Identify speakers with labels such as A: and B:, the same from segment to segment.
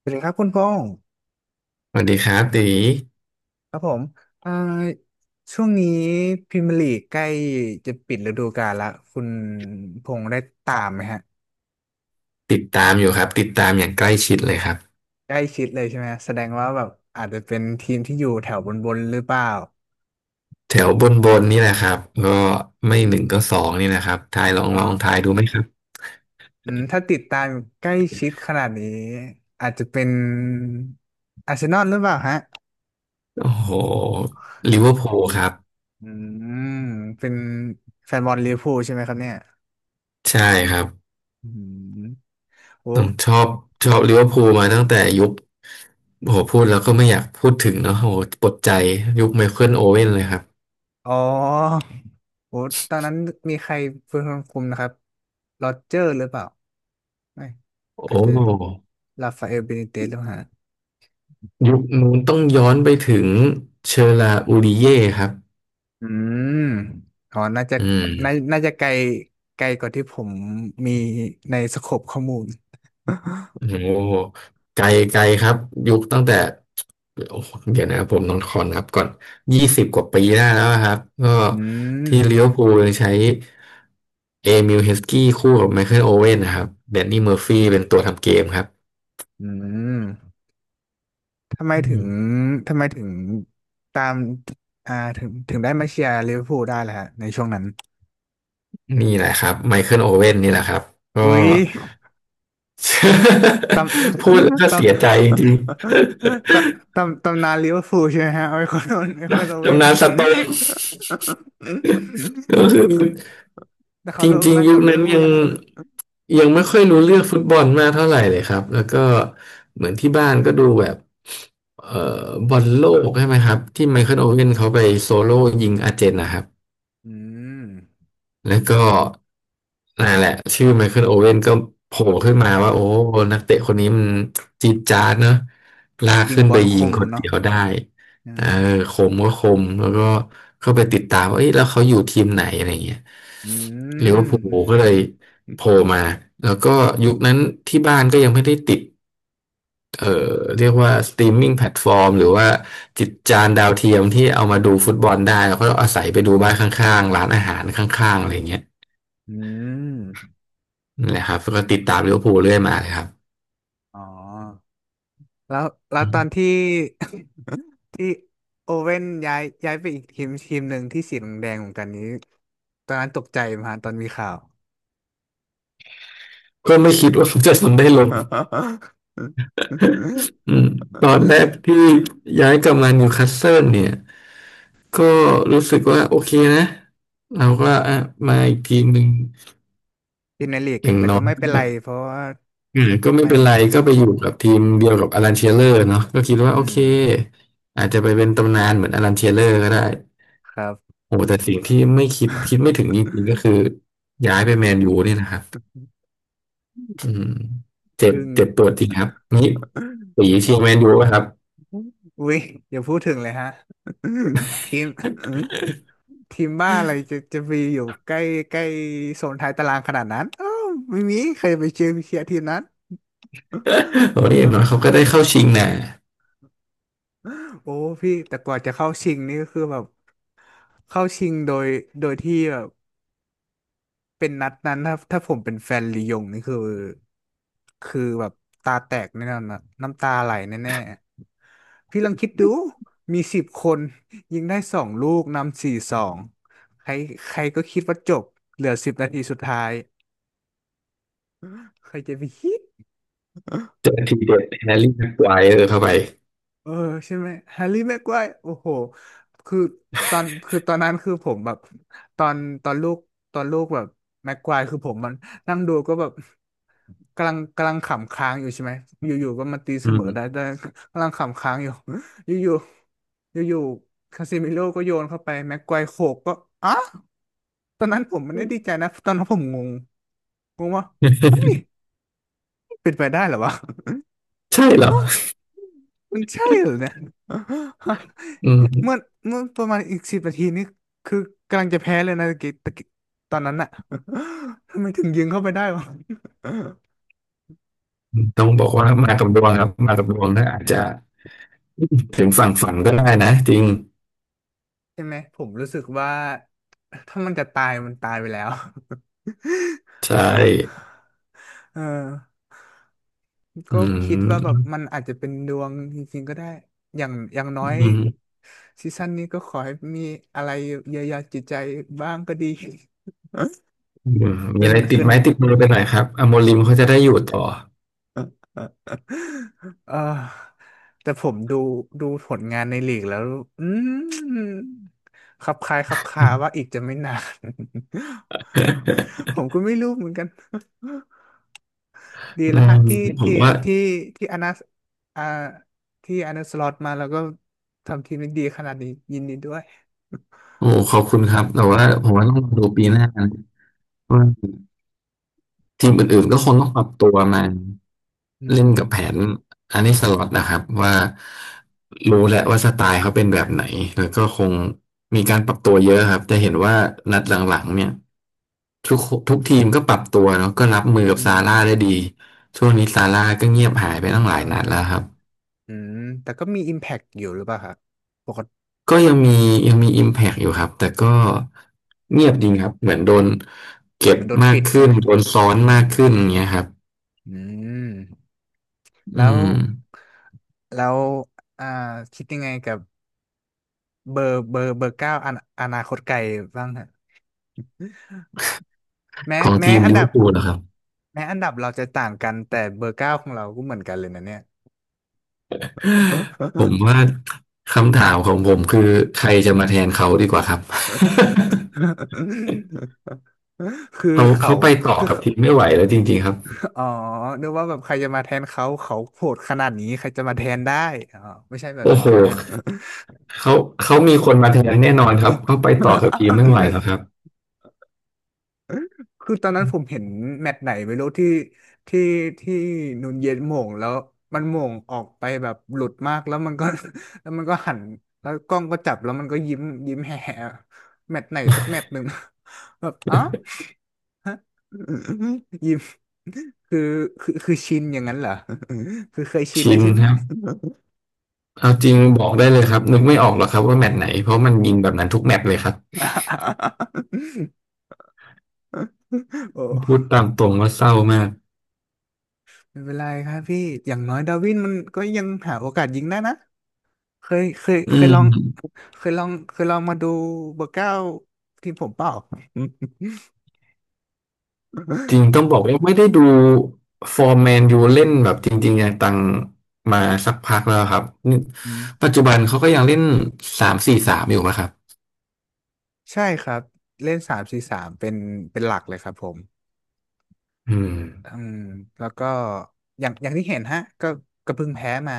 A: สวัสดีครับคุณพงศ์
B: สวัสดีครับตี
A: ครับผมอ่าช่วงนี้พรีเมียร์ลีกใกล้จะปิดฤดูกาลละคุณพงศ์ได้ตามไหมฮะ
B: ติดตามอยู่ครับติดตามอย่างใกล้ชิดเลยครับ
A: ใกล้ชิดเลยใช่ไหมฮะแสดงว่าแบบอาจจะเป็นทีมที่อยู่แถวบนบนหรือเปล่า
B: แถวบนบนนี่แหละครับก็ไม่
A: อื
B: หนึ่งก็ส
A: ม
B: องนี่นะครับทายลอง
A: อ่า
B: ลองทายดูไหมครับ
A: ถ้าติดตามใกล้ชิดขนาดนี้อาจจะเป็นอาร์เซนอลหรือเปล่าฮะ
B: โอ้โหลิเวอร์พูลครับ
A: อืมเป็นแฟนบอลลิเวอร์พูลใช่ไหมครับเนี่ย
B: ใช่ครับ
A: อืมโอ้
B: ต้องชอบลิเวอร์พูลมาตั้งแต่ยุคโอ้โหพูดแล้วก็ไม่อยากพูดถึงเนาะโอ้โหปวดใจยุคไมเคิลโอเว่นเลยครับ
A: อ๋อโอ้ตอนนั้นมีใครเป็นคนคุมนะครับโรเจอร์หรือเปล่า ไม่
B: โอ
A: อาจจะ
B: ้
A: ราฟาเอลเบนิเตสหรือเปล่าฮะ
B: ยุคนู้นต้องย้อนไปถึงเชอราอูริเย่ครับ
A: อืมอ๋อน่าจะ
B: อืม
A: น่าจะไกลไกลกว่าที่ผมมีในสโคปข้อมูล
B: โอ้โหไกลไกลครับยุคตั้งแต่โอ้โหเดี๋ยวนะผมนอนคอนครับก่อน20 กว่าปีได้แล้วครับก็
A: อื
B: ที่ลิ
A: ม
B: เวอร์พูลยังใช้เอมิลเฮสกี้คู่กับไมเคิลโอเว่นนะครับแดนนี่เมอร์ฟี่เป็นตัวทำเกมครับ
A: อืมทำไม
B: อื
A: ถึง
B: ม
A: ทำไมถึงตามถึงได้มาเชียร์ลิเวอร์พูลได้ล่ะฮะในช่วงนั้น
B: นี่แหละครับไมเคิลโอเว่นนี่แหละครับก็
A: อุ๊ย ตำ
B: พูดแล้วก็ เสียใจจริง
A: ตำนานลิเวอร์พูลใช่ไหมฮะ ไอคอนโอ
B: ๆ
A: เว่
B: ตำ
A: น
B: นานสโต๊กก็ คือ
A: แต่เขา
B: จ
A: โด่ง
B: ริง
A: ดัง
B: ๆยุ
A: กั
B: ค
A: บลิเวอ
B: นั้น
A: ร์พูล
B: ยัง
A: นะฮะ
B: ยังไม่ค่อยรู้เรื่องฟุตบอลมากเท่าไหร่เลยครับแล้วก็เหมือนที่บ้านก็ดูแบบเอ่บอลโลกใช่ไหมครับที่ไมเคิลโอเว่นเขาไปโซโล่ยิงอาร์เจนนะครับ
A: อืม
B: แล้วก็นั่นแหละชื่อไมเคิลโอเว่นก็โผล่ขึ้นมาว่าโอ้นักเตะคนนี้มันจี๊ดจ๊าดเนอะลาก
A: ยิง
B: ขึ้น
A: บอ
B: ไป
A: ลค
B: ยิง
A: ม
B: คน
A: เนาะ
B: เดียวได้
A: อื
B: เออ
A: ม
B: คมก็คมแล้วก็เข้าไปติดตามว่าเอ้ยแล้วเขาอยู่ทีมไหนอะไรเงี้ย
A: อื
B: ลิเวอร์พูลก็
A: ม
B: เลยโผล่มาแล้วก็ยุคนั้นที่บ้านก็ยังไม่ได้ติดเอ่อเรียกว่าสตรีมมิ่งแพลตฟอร์มหรือว่าจิตจานดาวเทียมที่เอา
A: อื
B: มา
A: ม
B: ดูฟุตบอลได้เราก็อาศัยไปดูบ้านข้างๆร้านอาหารข้างๆอะไรเงี้ย
A: อืม
B: นั่นแหละครับก็ติดตามลิเวอร์พูลเรื่อยมาเลยครับ
A: อ๋อ แล้วแล้ว
B: อื
A: ตอน
B: ม
A: ที่ ที่โอเว่นย้ายไปอีกทีมทีมหนึ่งที่สีแดงๆเหมือนกันนี้ ตอนนั้นตกใจไหมฮะตอนมีข่าว
B: ก็ไม่คิดว่าจะทำได้ลงอืมตอน แรกที่ย้ายกลับมานิวคาสเซิลเนี่ยก็รู้สึกว่าโอเคนะเราก็อ่ะมาอีกทีมหนึ่ง
A: ดินาลีก
B: อย่าง
A: แต่
B: น้อ
A: ก็
B: ย
A: ไม่เป็นไร
B: ก็
A: เพราะว่า
B: เออก็ไม่
A: ไม่
B: เป็นไรก็ไปอยู่กับทีมเดียวกับอลันเชียเลอร์เนาะก็คิด
A: อื
B: ว่าโอเค
A: ม
B: อาจจะไปเป็นตำนานเหมือนอลันเชียเลอร์ก็ได้
A: ครับ
B: โอ้แต่สิ่งที่ไม่คิดคิดไม่ถึงจริงๆก็คือ ย้ายไปแมนยูเนี่ยนะครับ อืมเจ็บ
A: อึ้ง
B: เจ็บปวดจริงครับนี่สีเชียร์แมนยูป่ะครับ
A: อุ้ยอย่าพูดถึงเลยฮะ ทีม ทีมบ้าอะไรจะจะมีอยู่ใกล้ใกล้โซนท้ายตารางขนาดนั้นอ้าวไม่มีใครไปเชียร์ทีมนั้น
B: โอ้ยอย่างน้อยเขาก็ได้เข้า ชิงนะ
A: โอ้พี่แต่กว่าจะเข้าชิงนี่ก็คือแบบเข้าชิงโดยโดยที่แบบ เป็นนัดนั้นถ้าผมเป็นแฟนลียงนี่คือคือแบบตาแตกแน่นอนนะน้ำตาไหลแน่ๆพี่ลองคิดดูมี10 คนยิงได้2 ลูกนำ4-2ใครใครก็คิดว่าจบเหลือสิบนาทีสุดท้ายใครจะไปคิด
B: เปิทีเด็ดแฮร์รี่แม็กไกวร์เข้าไป
A: เออใช่ไหมแฮร์รี่แม็กไวร์โอ้โหคือตอนคือตอนนั้นคือผมแบบตอนตอนลูกแบบแม็กไวร์คือผมมันนั่งดูก็แบบ กำลังขำค้างอยู่ใช่ไหมอยู่ๆก็มาตีเส
B: อื
A: มอได้
B: ม
A: ได้กำลังขำค้างอยู่ อยู่ๆอยู่ๆคาซิมิโร่ก็โยนเข้าไปแม็กไกวร์โขกก็อ่ะตอนนั้นผมไม่ได้ดีใจนะตอนนั้นผมงงงงว่าเฮ้ยเป็นไปได้เหรอวะ
B: ใช่เหรอ
A: ฮะมันใช่เหรอเนี่ย
B: อื
A: เมื่อ
B: ม
A: เมื่อประมาณอีกสิบนาทีนี่คือกำลังจะแพ้เลยนะตะกี้ตะกี้ตอนนั้นอะ ทำไมถึงยิงเข้าไปได้วะ
B: ต้องบอกว่ามากับดวงครับมากับดวงถ้าอาจจะถึงฝั่งฝันก็ได้นะจริง
A: ใช่ไหมผมรู้สึกว่า ถ้ามันจะตายมันตายไปแล้ว
B: ใช่
A: เออ
B: อื
A: ก็คิดว่าแบบมั
B: ม
A: นอาจจะเป็นดวงจริงๆก็ได้อย่างอย่างน้อย
B: อืม
A: ซีซั่นนี้ก็ขอให้มีอะไรเยียวยาจิตใจบ้างก็ดี
B: อืม มี
A: ขึ้น
B: อะไรติด
A: ขึ้น
B: ไม้ติดมือไปหน่อยครับอโมริมเขาจะได้อยู่ต่อ
A: เออเออแต่ผมดูผลงานในลีกแล้วอืมคับคล้ายคับคาว่าอีกจะไม่นาน ผมก็ไม่รู้เหมือนกัน ดี
B: อื
A: แล้วฮะ
B: มผ
A: ที่
B: มว่า
A: ที่ที่อนัอ่าที่อนาสล็อตมาแล้วก็ทำทีมได้ดีขนาดนี้ยินดีด้วย
B: โอ้ขอบคุณครับแต่ว่าผมว่าต้องรอดูปีหน้านะว่า ทีมอื่นๆก็คงต้องปรับตัวมา
A: อื
B: เล่นกับแผ
A: ม
B: นอันนี้สล็อตนะครับว่ารู้แหละว่าสไตล์เขาเป็นแบบไหนแล้วก็คงมีการปรับตัวเยอะครับจะเห็นว่านัดหลังๆเนี่ยทุกทุกทีมก็ปรับตัวเนาะก็รับมือ
A: อื
B: กับซาร่าได้ดี
A: ม
B: ช่วงนี้ซาร่าก็เงียบหายไปตั้งหลาย
A: อ่
B: นัดแล้วค
A: า
B: รับ
A: อืมแต่ก็มี Impact อยู่หรือเปล่าครับปกติ
B: ก็ยังมี Impact อยู่ครับแต่ก็เงียบจริงครับเหมือนโดนเก็บ
A: มันโดน
B: มา
A: ปิ
B: ก
A: ดใช่
B: ขึ้น
A: ไหม
B: โดนซ้อน
A: อืม
B: มากขึ้นอย่างเงี้ยครับ
A: อืม
B: อื
A: แล้ว
B: ม
A: แล้วอ่าคิดยังไงกับเบอร์เก้าอนาคตไกลบ้างฮะแม้
B: ของ
A: แม้
B: ทีม
A: อัน
B: ลิเว
A: ดั
B: อ
A: บ
B: ร์พูลนะครับ
A: แม้อันดับเราจะต่างกันแต่เบอร์เก้าของเราก็เหมือนกันเลยนะเนี่ย
B: ผมว่าคำถามของผมคือใครจะมาแทนเขาดีกว่าครับ
A: คือ
B: เขา
A: เขา
B: เขาไปต่อ
A: คือ
B: กับทีมไม่ไหวแล้วจริงๆครับ
A: อ๋อนึกว่าแบบใครจะมาแทนเขาเขาโหดขนาดนี้ใครจะมาแทนได้อ๋อไม่ใช่แบบ
B: โอ้
A: นั้น
B: โห
A: ใช่ไหมฮะ
B: เขาเขามีคนมาแทนแน่นอนครับเขาไปต่อกับทีมไม่ไหวแล้วครั บ
A: คือตอนนั้นผมเห็นแมตช์ไหนไม่รู้ที่ที่นูนเย็นโหม่งแล้วมันโหม่งออกไปแบบหลุดมากแล้วมันก็ แล้วมันก็หันแล้วกล้องก็จับแล้วมันก็ยิ้มยิ้มแห่แมตช์ไหนสักแมตช์หนึ่ง แบบอ๋อ ยิ้มคือคือคือชินอย่างนั้นเหรอ คือเคยชิน
B: ชิ
A: แล้ว
B: น
A: ใช่ไหม
B: ครับ เอาจริงบอกได้เลยครับนึกไม่ออกหรอกครับว่าแมตช์ไหนเพราะมันยิงแบบนั้นทุกแมตช์เลยครับพู
A: โอ้
B: ดตามตรงว่าเศร้ามาก
A: ไม่เป็นไรครับพี่อย่างน้อยดาร์วินมันก็ยังหาโอกาสยิงได้นะเคยเคย
B: อื
A: เคย
B: ม
A: ลองเคยลองเคยลองมาดูเบอร์เก้าทีมผมเปล่า
B: จริง ต้องบอกว่าไม่ได้ดูฟอร์แมนยูเล่นแบบจริงๆอย่างตังมาสักพักแล้วครับนี่
A: อื
B: ปัจ
A: ม
B: จุบันเขาก็ยังเล่น3-4-3อยู่ไหมครับ
A: ใช่ครับเล่น3-4-3เป็นหลักเลยครับผม
B: อืม
A: อืมแล้วก็อย่างที่เห็นฮะก็เพิ่งแพ้มา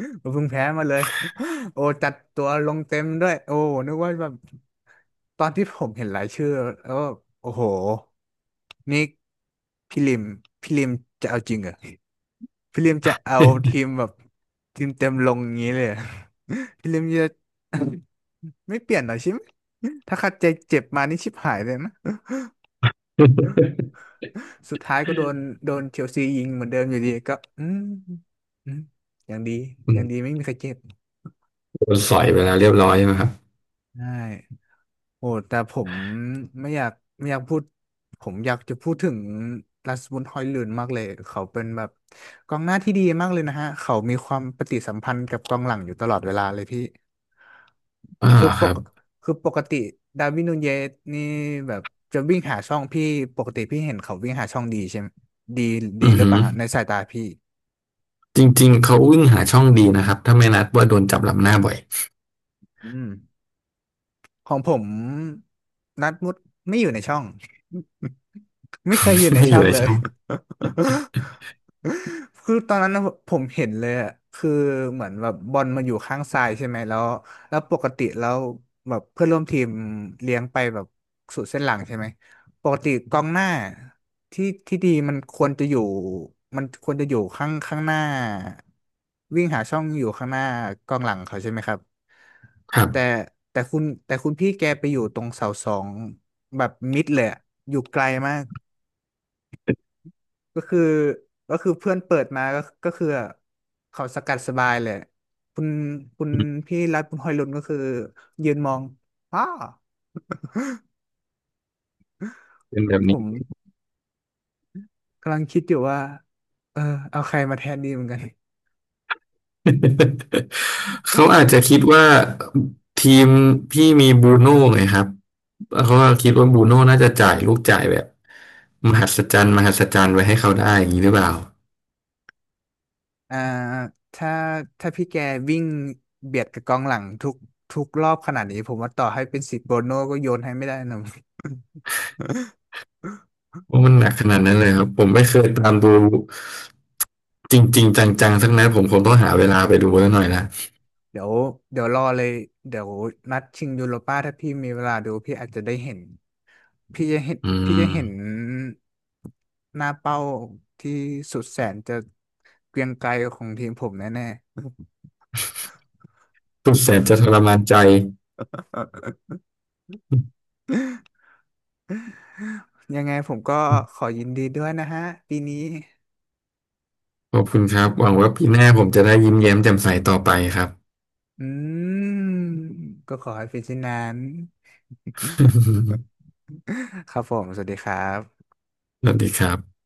A: ก็เพิ่งแพ้มาเลย โอ้จัดตัวลงเต็มด้วยโอ้นึกว่าแบบตอนที่ผมเห็นรายชื่อแล้วก็โอ้โหนี่พี่ลิมพี่ลิมจะเอาจริงเหรอพี่ลิมจะเอาทีมแบบทีมเต็มลงอย่างนี้เลยเหรอ พี่ลิมจะ ไม่เปลี่ยนเหรอชิมถ้าคัดใจเจ็บมานี่ชิบหายเลยนะ สุดท้ายก็โดนเชลซียิงเหมือนเดิมอยู่ดีก็อืมอย่างดี
B: อื
A: อ
B: ม
A: ย่างดีไม่มีใครเจ็บ
B: โดนสอยไปแล้วเรียบร้อยใช่ไหมครับ
A: ใช่โอ้แต่ผมไม่อยากไม่อยากพูดผมอยากจะพูดถึงลาสบุนฮอยลุนมากเลยเขาเป็นแบบกองหน้าที่ดีมากเลยนะฮะเขามีความปฏิสัมพันธ์กับกองหลังอยู่ตลอดเวลาเลยพี่
B: อ่าว
A: คือ
B: เหรอ
A: ป
B: ครั
A: ก
B: บ
A: คือปกติดาร์วินนูเยสนี่แบบจะวิ่งหาช่องพี่ปกติพี่เห็นเขาวิ่งหาช่องดีใช่ไหมดีดี
B: อือ
A: หรือ
B: หื
A: เป
B: อ
A: ล่าฮะในสายตาพี่
B: จริงๆเขาวิ่งหาช่องดีนะครับถ้าไม่นัดว่าโดนจับหลับหน้าบ่อย
A: อืมของผมนัดมุดไม่อยู่ในช่อง ไม่เคยอ ยู่ใน
B: ไม่อ
A: ช่อ
B: ยู่
A: ง
B: ใน
A: เลย
B: ช่อง
A: คือตอนนั้นน่ะผมเห็นเลยอ่ะคือเหมือนแบบบอลมาอยู่ข้างซ้ายใช่ไหมแล้วปกติแล้วแบบเพื่อนร่วมทีมเลี้ยงไปแบบสุดเส้นหลังใช่ไหม ปกติกองหน้าที่ที่ดีมันควรจะอยู่มันควรจะอยู่ข้างข้างหน้าวิ่งหาช่องอยู่ข้างหน้ากองหลังเขาใช่ไหมครับ
B: ครั
A: แต่
B: บ
A: แต่คุณพี่แกไปอยู่ตรงเสาสองแบบมิดเลยอะอยู่ไกลมากก็คือก็คือเพื่อนเปิดมาก็คือเขาสกัดสบายเลยคุณคุณ
B: อืม
A: พี่รัฐคุณฮอยลุนก็คือยืนมองอ้า
B: เป็นแบบ
A: ผ
B: นี้
A: มกำลังคิดอยู่ว่าเออเอาใครมาแทนดีเหมือนกัน
B: เขาอาจจะคิดว่าทีมพี่มีบรูโน่ไงครับเขาก็คิดว่าบรูโน่น่าจะจ่ายลูกจ่ายแบบมหัศจรรย์มหัศจรรย์ไว้ให้เขาได้อย่างนี้หรือเปล่า
A: อ่าถ้าถ้าพี่แกวิ่งเบียดกับกองหลังทุกรอบขนาดนี้ผมว่าต่อให้เป็นสิบโบโน่ก็โยนให้ไม่ได้นะ
B: ว่ามันหนักขนาดนั้นเลยครับผมไม่เคยตามดูจริงๆจังๆสักนัดผมคงต้องหาเวลาไปดูแล้วหน่อยละ
A: เดี๋ยวเดี๋ยวรอเลยเดี๋ยวนัดชิงยูโรป้าถ้าพี่มีเวลาดูพี่อาจจะได้เห็นพี่จะเห็น
B: อื
A: พี่
B: ม
A: จะเห็นหน้าเป้าที่สุดแสนจะเกรียงไกรของทีมผมแน่
B: สุดแสนจะทรมานใจ
A: ๆ ยังไงผมก็ขอยินดีด้วยนะฮะปีนี้
B: ขอบคุณครับหวังว่าปีหน้าผมจะได้ยิ้มแย้มแจ่มใสต่อไปครับ
A: อืมก็ขอให้เป็นเช่นนั้น ครับผมสวัสดีครับ
B: สวัสดีครับ